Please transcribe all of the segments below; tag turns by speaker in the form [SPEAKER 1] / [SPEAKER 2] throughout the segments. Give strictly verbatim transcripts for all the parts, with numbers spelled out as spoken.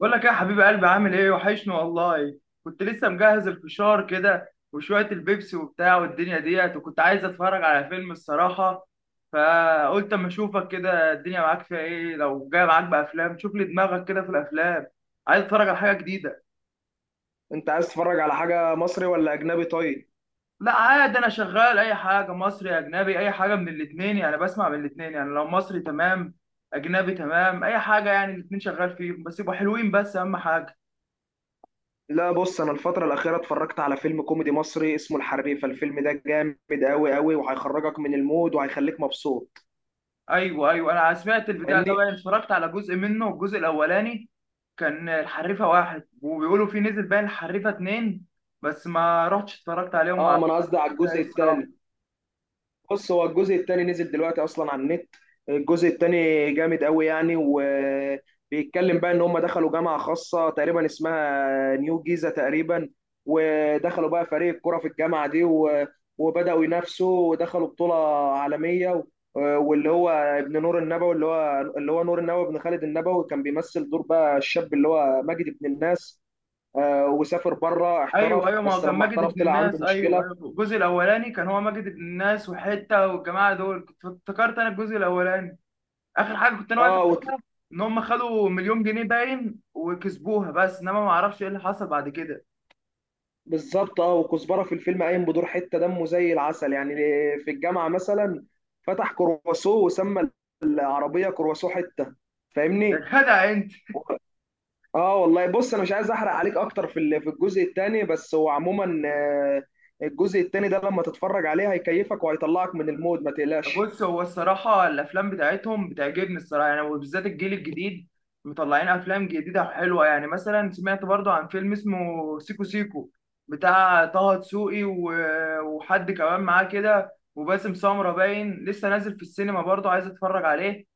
[SPEAKER 1] بقول لك إيه يا حبيب قلبي، عامل ايه؟ وحشني والله. كنت لسه مجهز الفشار كده وشوية البيبسي وبتاع والدنيا ديت، وكنت عايز اتفرج على فيلم الصراحة. فقلت اما اشوفك كده الدنيا معاك فيها ايه، لو جاي معاك بافلام شوف لي دماغك كده في الافلام. عايز اتفرج على حاجة جديدة.
[SPEAKER 2] انت عايز تتفرج على حاجة مصري ولا اجنبي؟ طيب.
[SPEAKER 1] لا عادي، انا شغال اي حاجة مصري اجنبي، اي حاجة من الاتنين، يعني بسمع من الاتنين، يعني لو مصري تمام، اجنبي تمام، اي حاجة يعني الاتنين شغال فيهم بس يبقوا حلوين، بس اهم حاجة.
[SPEAKER 2] لا، بص، انا الفترة الاخيرة اتفرجت على فيلم كوميدي مصري اسمه الحريفة. الفيلم ده جامد قوي قوي، وهيخرجك من المود وهيخليك مبسوط.
[SPEAKER 1] ايوه ايوه، انا سمعت البتاع ده
[SPEAKER 2] فاهمني؟
[SPEAKER 1] بقى، اتفرجت على جزء منه الجزء الاولاني. كان الحريفه واحد، وبيقولوا في نزل بقى الحريفه اتنين، بس ما رحتش اتفرجت عليهم وما
[SPEAKER 2] اه، ما
[SPEAKER 1] عرفتش.
[SPEAKER 2] انا قصدي على
[SPEAKER 1] ايه
[SPEAKER 2] الجزء
[SPEAKER 1] الصراحه.
[SPEAKER 2] الثاني. بص، هو الجزء التاني نزل دلوقتي اصلا على النت. الجزء التاني جامد قوي يعني، وبيتكلم بقى ان هم دخلوا جامعة خاصة تقريبا اسمها نيو جيزة تقريبا، ودخلوا بقى فريق كرة في الجامعة دي و- وبدأوا ينافسوا ودخلوا بطولة عالمية و... واللي هو ابن نور النبوي اللي هو اللي هو نور النبوي ابن خالد النبوي، كان بيمثل دور بقى الشاب اللي هو ماجد ابن الناس. آه، وسافر بره
[SPEAKER 1] ايوه
[SPEAKER 2] احترف،
[SPEAKER 1] ايوه، ما هو
[SPEAKER 2] بس
[SPEAKER 1] كان
[SPEAKER 2] لما
[SPEAKER 1] ماجد
[SPEAKER 2] احترف
[SPEAKER 1] ابن
[SPEAKER 2] طلع عنده
[SPEAKER 1] الناس، ايوه
[SPEAKER 2] مشكلة.
[SPEAKER 1] ايوه الجزء الاولاني كان هو ماجد ابن الناس وحته، والجماعه دول كنت افتكرت انا الجزء الاولاني. اخر حاجه كنت انا واقف على
[SPEAKER 2] اه،
[SPEAKER 1] ان هم خدوا مليون جنيه باين وكسبوها، بس انما ما اعرفش ايه اللي حصل بعد كده.
[SPEAKER 2] بالظبط. اه، وكزبره في الفيلم قايم بدور حته دمه زي العسل يعني، في الجامعه مثلا فتح كرواسو، وسمى العربيه كرواسو حته.
[SPEAKER 1] يا
[SPEAKER 2] فاهمني؟
[SPEAKER 1] جدع.
[SPEAKER 2] و- اه، والله، بص، انا مش عايز احرق عليك اكتر في ال- في الجزء الثاني، بس هو عموما آه، الجزء الثاني ده لما تتفرج عليه هيكيفك وهيطلعك من المود، ما تقلقش.
[SPEAKER 1] بص هو الصراحة الأفلام بتاعتهم بتعجبني الصراحة، يعني وبالذات الجيل الجديد مطلعين أفلام جديدة حلوة، يعني مثلا سمعت برضو عن فيلم اسمه سيكو سيكو بتاع طه دسوقي و- وحد كمان معاه كده، وباسم سمرة باين لسه نازل في السينما برضو، عايز أتفرج عليه.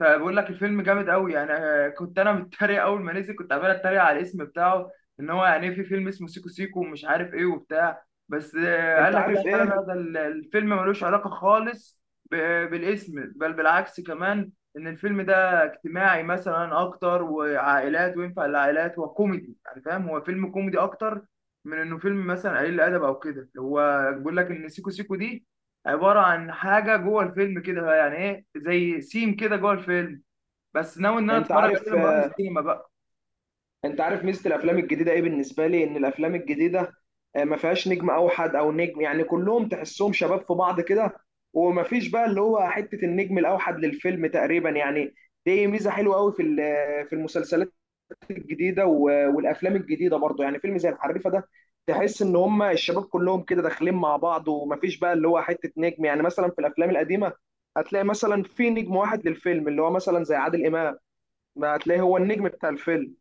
[SPEAKER 1] فبقول لك الفيلم جامد قوي يعني، آه، كنت انا متريق اول ما نزل، كنت عمال اتريق على الاسم بتاعه، ان هو يعني إيه في فيلم اسمه سيكو سيكو ومش عارف ايه وبتاع، بس آه، قال
[SPEAKER 2] انت
[SPEAKER 1] لك
[SPEAKER 2] عارف
[SPEAKER 1] لا لا
[SPEAKER 2] ايه؟
[SPEAKER 1] لا، ده ال- الفيلم ملوش علاقة خالص ب- بالاسم، بل بالعكس كمان، ان الفيلم ده اجتماعي مثلا اكتر وعائلات وينفع للعائلات وكوميدي يعني، فاهم هو فيلم كوميدي اكتر من انه فيلم مثلا قليل الادب او كده، هو بيقول لك ان سيكو سيكو دي عباره عن حاجه جوه الفيلم كده، يعني ايه زي سيم كده جوه الفيلم، بس ناوي ان انا
[SPEAKER 2] انت
[SPEAKER 1] اتفرج
[SPEAKER 2] عارف
[SPEAKER 1] عليه لما اروح السينما بقى.
[SPEAKER 2] انت عارف ميزه الافلام الجديده ايه بالنسبه لي؟ ان الافلام الجديده آه، ما فيهاش نجم اوحد او نجم، يعني كلهم تحسهم شباب في بعض كده، وما فيش بقى اللي هو حته النجم الاوحد للفيلم تقريبا يعني. دي ميزه حلوه قوي في ال- في المسلسلات الجديده و- والافلام الجديده برضه، يعني فيلم زي الحريفه ده، تحس ان هم الشباب كلهم كده داخلين مع بعض، وما فيش بقى اللي هو حته نجم. يعني مثلا في الافلام القديمه هتلاقي مثلا في نجم واحد للفيلم، اللي هو مثلا زي عادل امام، ما هتلاقي هو النجم بتاع الفيلم.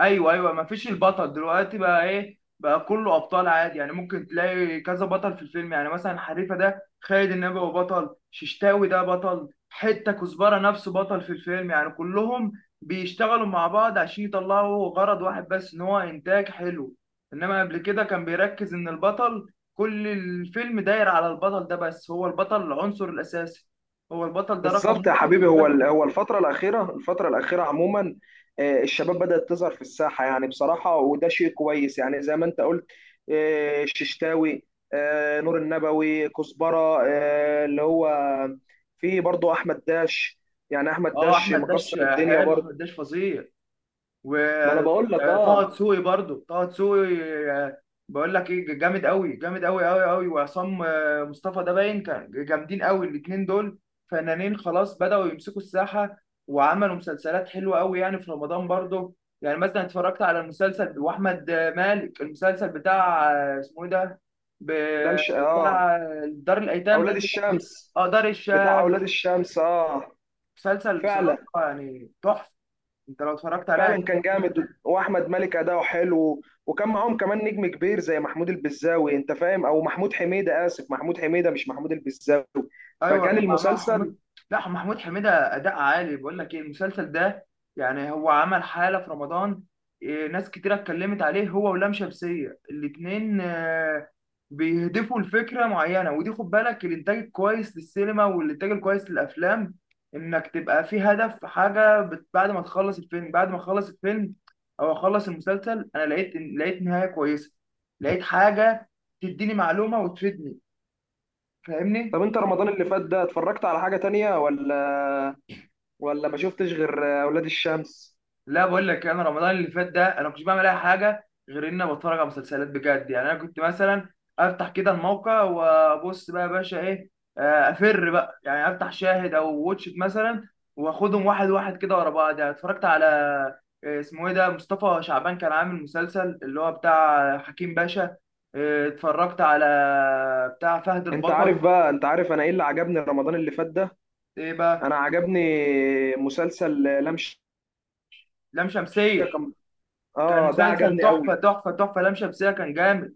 [SPEAKER 1] ايوه ايوه، ما فيش البطل دلوقتي بقى، ايه بقى كله ابطال عادي، يعني ممكن تلاقي كذا بطل في الفيلم، يعني مثلا حريفه ده خالد النبوي هو بطل، ششتاوي ده بطل حته، كزبره نفسه بطل في الفيلم، يعني كلهم بيشتغلوا مع بعض عشان يطلعوا غرض واحد، بس ان هو انتاج حلو. انما قبل كده كان بيركز ان البطل كل الفيلم داير على البطل ده، بس هو البطل العنصر الاساسي، هو البطل ده رقم
[SPEAKER 2] بالظبط يا
[SPEAKER 1] واحد
[SPEAKER 2] حبيبي. هو
[SPEAKER 1] والباقي.
[SPEAKER 2] ال- هو الفترة الأخيرة، الفترة الأخيرة عموما آه، الشباب بدأت تظهر في الساحة يعني بصراحة، وده شيء كويس، يعني زي ما أنت قلت: آه، الششتاوي، آه، نور النبوي، كزبرة، آه، اللي هو في برضه أحمد داش. يعني أحمد
[SPEAKER 1] اه
[SPEAKER 2] داش
[SPEAKER 1] احمد داش.
[SPEAKER 2] مكسر الدنيا
[SPEAKER 1] حلو
[SPEAKER 2] برضه.
[SPEAKER 1] احمد داش فظيع.
[SPEAKER 2] ما أنا بقول لك
[SPEAKER 1] وطه
[SPEAKER 2] أه.
[SPEAKER 1] دسوقي برضو طه دسوقي. آه، بقول لك ايه جامد قوي جامد قوي قوي قوي، وعصام آه، مصطفى ده باين كان جامدين قوي الاثنين دول، فنانين خلاص بدأوا يمسكوا الساحة، وعملوا مسلسلات حلوة قوي يعني في رمضان برضو. يعني مثلا اتفرجت على المسلسل واحمد مالك، المسلسل بتاع آه، اسمه ايه ده،
[SPEAKER 2] لا
[SPEAKER 1] ب-
[SPEAKER 2] مش أه
[SPEAKER 1] بتاع آه، دار الايتام ده
[SPEAKER 2] أولاد
[SPEAKER 1] اللي،
[SPEAKER 2] الشمس.
[SPEAKER 1] اه دار
[SPEAKER 2] بتاع
[SPEAKER 1] الشام.
[SPEAKER 2] أولاد الشمس أه.
[SPEAKER 1] مسلسل بصراحة
[SPEAKER 2] فعلا،
[SPEAKER 1] يعني تحفة، انت لو اتفرجت عليها.
[SPEAKER 2] فعلا كان جامد، واحمد مالك اداؤه حلو، وكان معاهم كمان نجم كبير زي محمود البزاوي، انت فاهم، او محمود حميده، اسف، محمود حميده مش محمود البزاوي.
[SPEAKER 1] ايوه
[SPEAKER 2] فكان
[SPEAKER 1] طب مع مع محمود،
[SPEAKER 2] المسلسل.
[SPEAKER 1] لا محمود حميده اداء عالي، بقول لك ايه المسلسل ده، يعني هو عمل حاله في رمضان. إيه، ناس كتيره اتكلمت عليه هو ولام شمسيه الاتنين، آه، بيهدفوا لفكره معينه، ودي خد بالك الانتاج الكويس للسينما والانتاج الكويس للافلام، انك تبقى في هدف حاجه بت- بعد ما تخلص الفيلم، بعد ما اخلص الفيلم او اخلص المسلسل انا لقيت لقيت نهايه كويسه، لقيت حاجه تديني معلومه وتفيدني، فاهمني.
[SPEAKER 2] طب، انت رمضان اللي فات ده اتفرجت على حاجه تانية ولا ولا ما شفتش غير اولاد الشمس؟
[SPEAKER 1] لا بقول لك انا رمضان اللي فات ده، انا ما كنتش بعمل اي حاجه غير ان أنا بتفرج على مسلسلات بجد، يعني انا كنت مثلا افتح كده الموقع وابص بقى يا باشا ايه، آه، افر بقى يعني افتح شاهد او واتش إت مثلا، واخدهم واحد واحد كده ورا بعض، يعني اتفرجت على آه، اسمه ايه ده، مصطفى شعبان كان عامل مسلسل اللي هو بتاع حكيم باشا، آه، اتفرجت على بتاع فهد
[SPEAKER 2] انت
[SPEAKER 1] البطل.
[SPEAKER 2] عارف بقى انت عارف انا ايه اللي عجبني رمضان اللي فات ده؟
[SPEAKER 1] ايه بقى؟
[SPEAKER 2] انا عجبني مسلسل لام شمسية.
[SPEAKER 1] لام شمسية.
[SPEAKER 2] كان
[SPEAKER 1] كان
[SPEAKER 2] اه ده
[SPEAKER 1] مسلسل
[SPEAKER 2] عجبني قوي.
[SPEAKER 1] تحفة تحفة تحفة، لام شمسية كان جامد.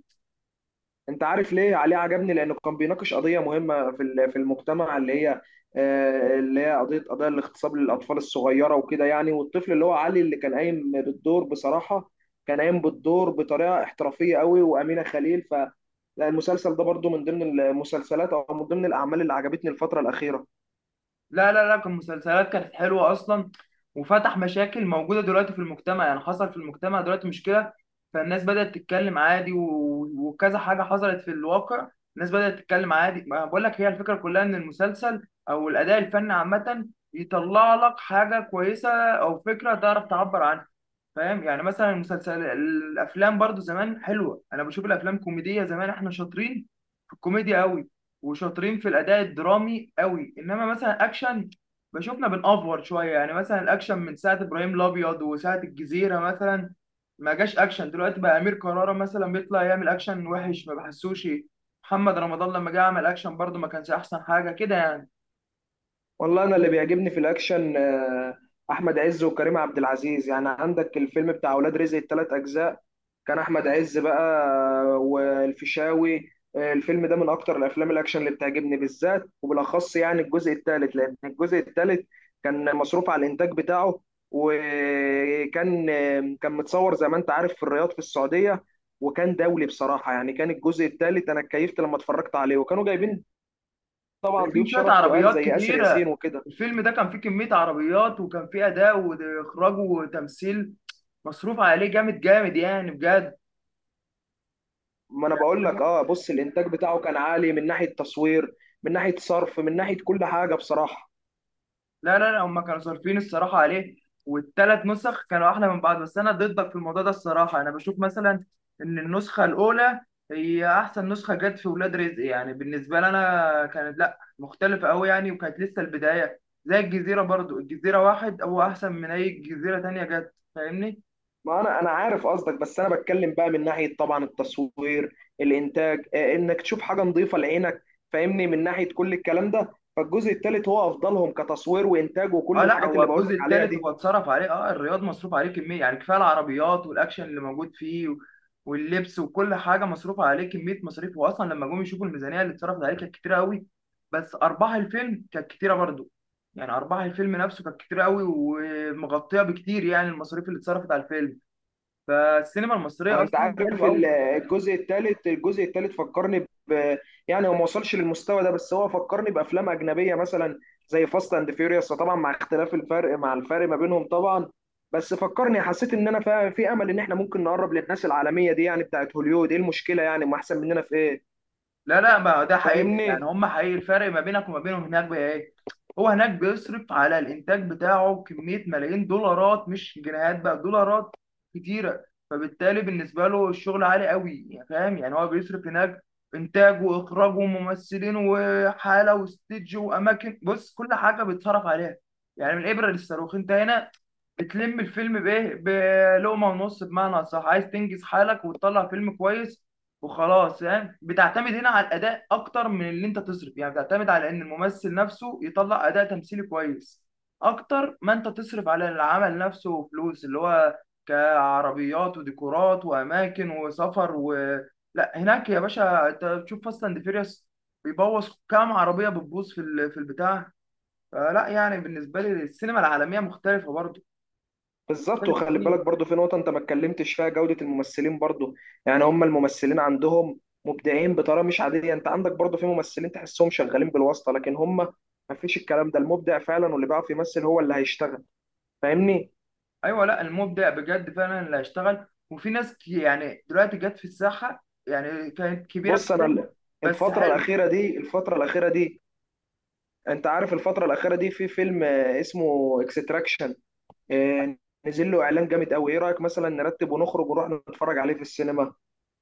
[SPEAKER 2] انت عارف ليه عليه عجبني؟ لانه كان بيناقش قضيه مهمه في ال- في المجتمع، اللي هي آه، اللي هي قضيه قضايا الاغتصاب للاطفال الصغيره وكده يعني. والطفل اللي هو علي اللي كان قايم بالدور، بصراحه كان قايم بالدور بطريقه احترافيه قوي، وامينه خليل ف لا، المسلسل ده برضو من ضمن المسلسلات، او من ضمن الاعمال اللي عجبتني الفتره الاخيره.
[SPEAKER 1] لا لا لا كان مسلسلات كانت حلوة أصلا، وفتح مشاكل موجودة دلوقتي في المجتمع، يعني حصل في المجتمع دلوقتي مشكلة، فالناس بدأت تتكلم عادي و- وكذا حاجة حصلت في الواقع، الناس بدأت تتكلم عادي، ما بقول لك هي الفكرة كلها إن المسلسل أو الأداء الفني عامة يطلع لك حاجة كويسة أو فكرة تعرف تعبر عنها، فاهم؟ يعني مثلا المسلسل الافلام برضو زمان حلوه، انا بشوف الافلام كوميديه زمان احنا شاطرين في الكوميديا قوي، وشاطرين في الاداء الدرامي قوي، انما مثلا اكشن بشوفنا بنأفور شويه، يعني مثلا الاكشن من ساعه ابراهيم الابيض وساعه الجزيره مثلا ما جاش اكشن دلوقتي بقى، امير كرارة مثلا بيطلع يعمل اكشن وحش ما بحسوش، محمد رمضان لما جه عمل اكشن برضو ما كانش احسن حاجه كده يعني.
[SPEAKER 2] والله انا اللي بيعجبني في الاكشن آه، احمد عز وكريم عبد العزيز. يعني عندك الفيلم بتاع اولاد رزق الثلاث اجزاء. كان احمد عز بقى آه، والفيشاوي. آه، الفيلم ده من اكتر الافلام الاكشن اللي بتعجبني بالذات وبالاخص، يعني الجزء الثالث، لان الجزء الثالث كان مصروف على الانتاج بتاعه، وكان آه، كان متصور زي ما انت عارف في الرياض في السعودية، وكان دولي بصراحة. يعني كان الجزء الثالث انا اتكيفت لما اتفرجت عليه، وكانوا جايبين طبعا
[SPEAKER 1] في
[SPEAKER 2] ضيوف
[SPEAKER 1] شويه
[SPEAKER 2] شرف تقال
[SPEAKER 1] عربيات
[SPEAKER 2] زي آسر ياسين
[SPEAKER 1] كتيره،
[SPEAKER 2] وكده.
[SPEAKER 1] الفيلم ده كان فيه كميه عربيات، وكان فيه اداء واخراج وتمثيل مصروف عليه جامد جامد يعني بجد.
[SPEAKER 2] ما انا
[SPEAKER 1] يعني
[SPEAKER 2] بقول لك، اه، بص، الانتاج بتاعه كان عالي من ناحيه تصوير، من ناحيه صرف، من ناحيه كل حاجه بصراحه.
[SPEAKER 1] لا لا لا، هم كانوا صارفين الصراحه عليه، والثلاث نسخ كانوا احلى من بعض، بس انا ضدك في الموضوع ده الصراحه، انا بشوف مثلا ان النسخه الاولى هي احسن نسخه جت في ولاد رزق، يعني بالنسبه لي انا كانت لا مختلفه قوي يعني، وكانت لسه البدايه، زي الجزيره برضو، الجزيره واحد هو احسن من اي جزيره تانية جت، فاهمني.
[SPEAKER 2] ما انا انا عارف قصدك، بس انا بتكلم بقى من ناحيه، طبعا، التصوير، الانتاج، آه، انك تشوف حاجه نظيفه لعينك، فاهمني، من ناحيه كل الكلام ده. فالجزء الثالث هو افضلهم كتصوير وانتاج وكل
[SPEAKER 1] اه لا
[SPEAKER 2] الحاجات
[SPEAKER 1] هو
[SPEAKER 2] اللي بقول
[SPEAKER 1] الجزء
[SPEAKER 2] لك عليها
[SPEAKER 1] الثالث
[SPEAKER 2] دي.
[SPEAKER 1] هو اتصرف عليه، اه الرياض مصروف عليه كميه يعني كفايه، العربيات والاكشن اللي موجود فيه و- واللبس وكل حاجه مصروف عليه كميه مصاريف، واصلا لما جم يشوفوا الميزانيه اللي اتصرفت عليه كانت كتيره قوي، بس ارباح الفيلم كانت كتيره برضو، يعني ارباح الفيلم نفسه كانت كتيره قوي ومغطيه بكتير يعني المصاريف اللي اتصرفت على الفيلم، فالسينما
[SPEAKER 2] آه،
[SPEAKER 1] المصريه
[SPEAKER 2] انت
[SPEAKER 1] اصلا
[SPEAKER 2] عارف
[SPEAKER 1] حلوه
[SPEAKER 2] ال-
[SPEAKER 1] قوي.
[SPEAKER 2] الجزء الثالث، الجزء الثالث فكرني ب يعني هو ما وصلش للمستوى ده، بس هو فكرني بافلام اجنبيه مثلا زي فاست اند فيوريوس، طبعا مع اختلاف الفرق، مع الفرق ما بينهم طبعا. بس فكرني، حسيت ان انا فا- في امل ان احنا ممكن نقرب للناس العالميه دي، يعني بتاعت هوليوود. ايه المشكله يعني؟ ما احسن مننا في ايه؟
[SPEAKER 1] لا لا ما ده حقيقي
[SPEAKER 2] فاهمني؟
[SPEAKER 1] يعني، هم حقيقي، الفرق ما بينك وما بينهم هناك بقى ايه، هو هناك بيصرف على الانتاج بتاعه كميه ملايين دولارات مش جنيهات بقى، دولارات كتيره، فبالتالي بالنسبه له الشغل عالي قوي يعني، فاهم يعني هو بيصرف هناك انتاج واخراج وممثلين وحاله واستديو واماكن، بص كل حاجه بيتصرف عليها، يعني من الابره للصاروخ. انت هنا بتلم الفيلم بايه، بلقمه ونص بمعنى صح، عايز تنجز حالك وتطلع فيلم كويس وخلاص، يعني بتعتمد هنا على الاداء اكتر من اللي انت تصرف، يعني بتعتمد على ان الممثل نفسه يطلع اداء تمثيلي كويس اكتر ما انت تصرف على العمل نفسه، وفلوس اللي هو كعربيات وديكورات واماكن وسفر و، لا هناك يا باشا انت بتشوف فاست اند فيريوس بيبوظ كام عربيه، بتبوظ في ال- في البتاع، فلا يعني بالنسبه لي السينما العالميه مختلفه برضه،
[SPEAKER 2] بالظبط.
[SPEAKER 1] مختلف
[SPEAKER 2] وخلي
[SPEAKER 1] كتير.
[SPEAKER 2] بالك برضو في نقطة أنت ما اتكلمتش فيها: جودة الممثلين برضو. يعني هم الممثلين عندهم مبدعين بطريقة مش عادية. أنت عندك برضو في ممثلين تحسهم شغالين بالواسطة، لكن هم ما فيش الكلام ده، المبدع فعلا واللي بيعرف يمثل هو اللي هيشتغل. فاهمني؟
[SPEAKER 1] ايوه لا المبدع بجد فعلا اللي هيشتغل، وفي ناس كي- يعني دلوقتي جت في الساحه يعني كانت كبيره في
[SPEAKER 2] بص، أنا
[SPEAKER 1] السن،
[SPEAKER 2] ال-
[SPEAKER 1] بس
[SPEAKER 2] الفترة
[SPEAKER 1] حلو.
[SPEAKER 2] الأخيرة دي، الفترة الأخيرة دي أنت عارف، الفترة الأخيرة دي في فيلم آه، اسمه اكستراكشن، نزل له إعلان جامد أوي. إيه رأيك مثلا نرتب ونخرج ونروح نتفرج عليه في السينما؟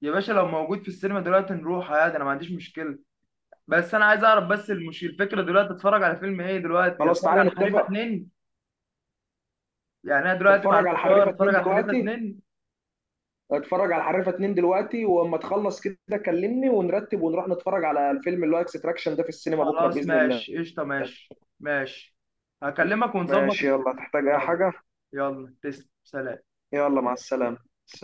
[SPEAKER 1] يا باشا لو موجود في السينما دلوقتي نروح عادي، انا ما عنديش مشكله، بس انا عايز اعرف، بس المش الفكره دلوقتي اتفرج على فيلم ايه، دلوقتي
[SPEAKER 2] خلاص،
[SPEAKER 1] اتفرج
[SPEAKER 2] تعالى
[SPEAKER 1] على الحريفه
[SPEAKER 2] نتفق.
[SPEAKER 1] اتنين، يعني انا دلوقتي مع
[SPEAKER 2] اتفرج على
[SPEAKER 1] الفشار
[SPEAKER 2] الحريفة
[SPEAKER 1] اتفرج
[SPEAKER 2] اتنين
[SPEAKER 1] على الحريفه
[SPEAKER 2] دلوقتي
[SPEAKER 1] اتنين.
[SPEAKER 2] اتفرج على حريفه اتنين دلوقتي، واما تخلص كده كلمني، ونرتب ونروح نتفرج على الفيلم اللي هو اكستراكشن ده في السينما بكره
[SPEAKER 1] خلاص
[SPEAKER 2] باذن الله.
[SPEAKER 1] ماشي قشطه، ماشي، ماشي، هكلمك ونظبط.
[SPEAKER 2] ماشي. يلا، تحتاج اي
[SPEAKER 1] يلا.
[SPEAKER 2] حاجه؟
[SPEAKER 1] يلا تسلم، سلام.
[SPEAKER 2] يلا، مع السلامه.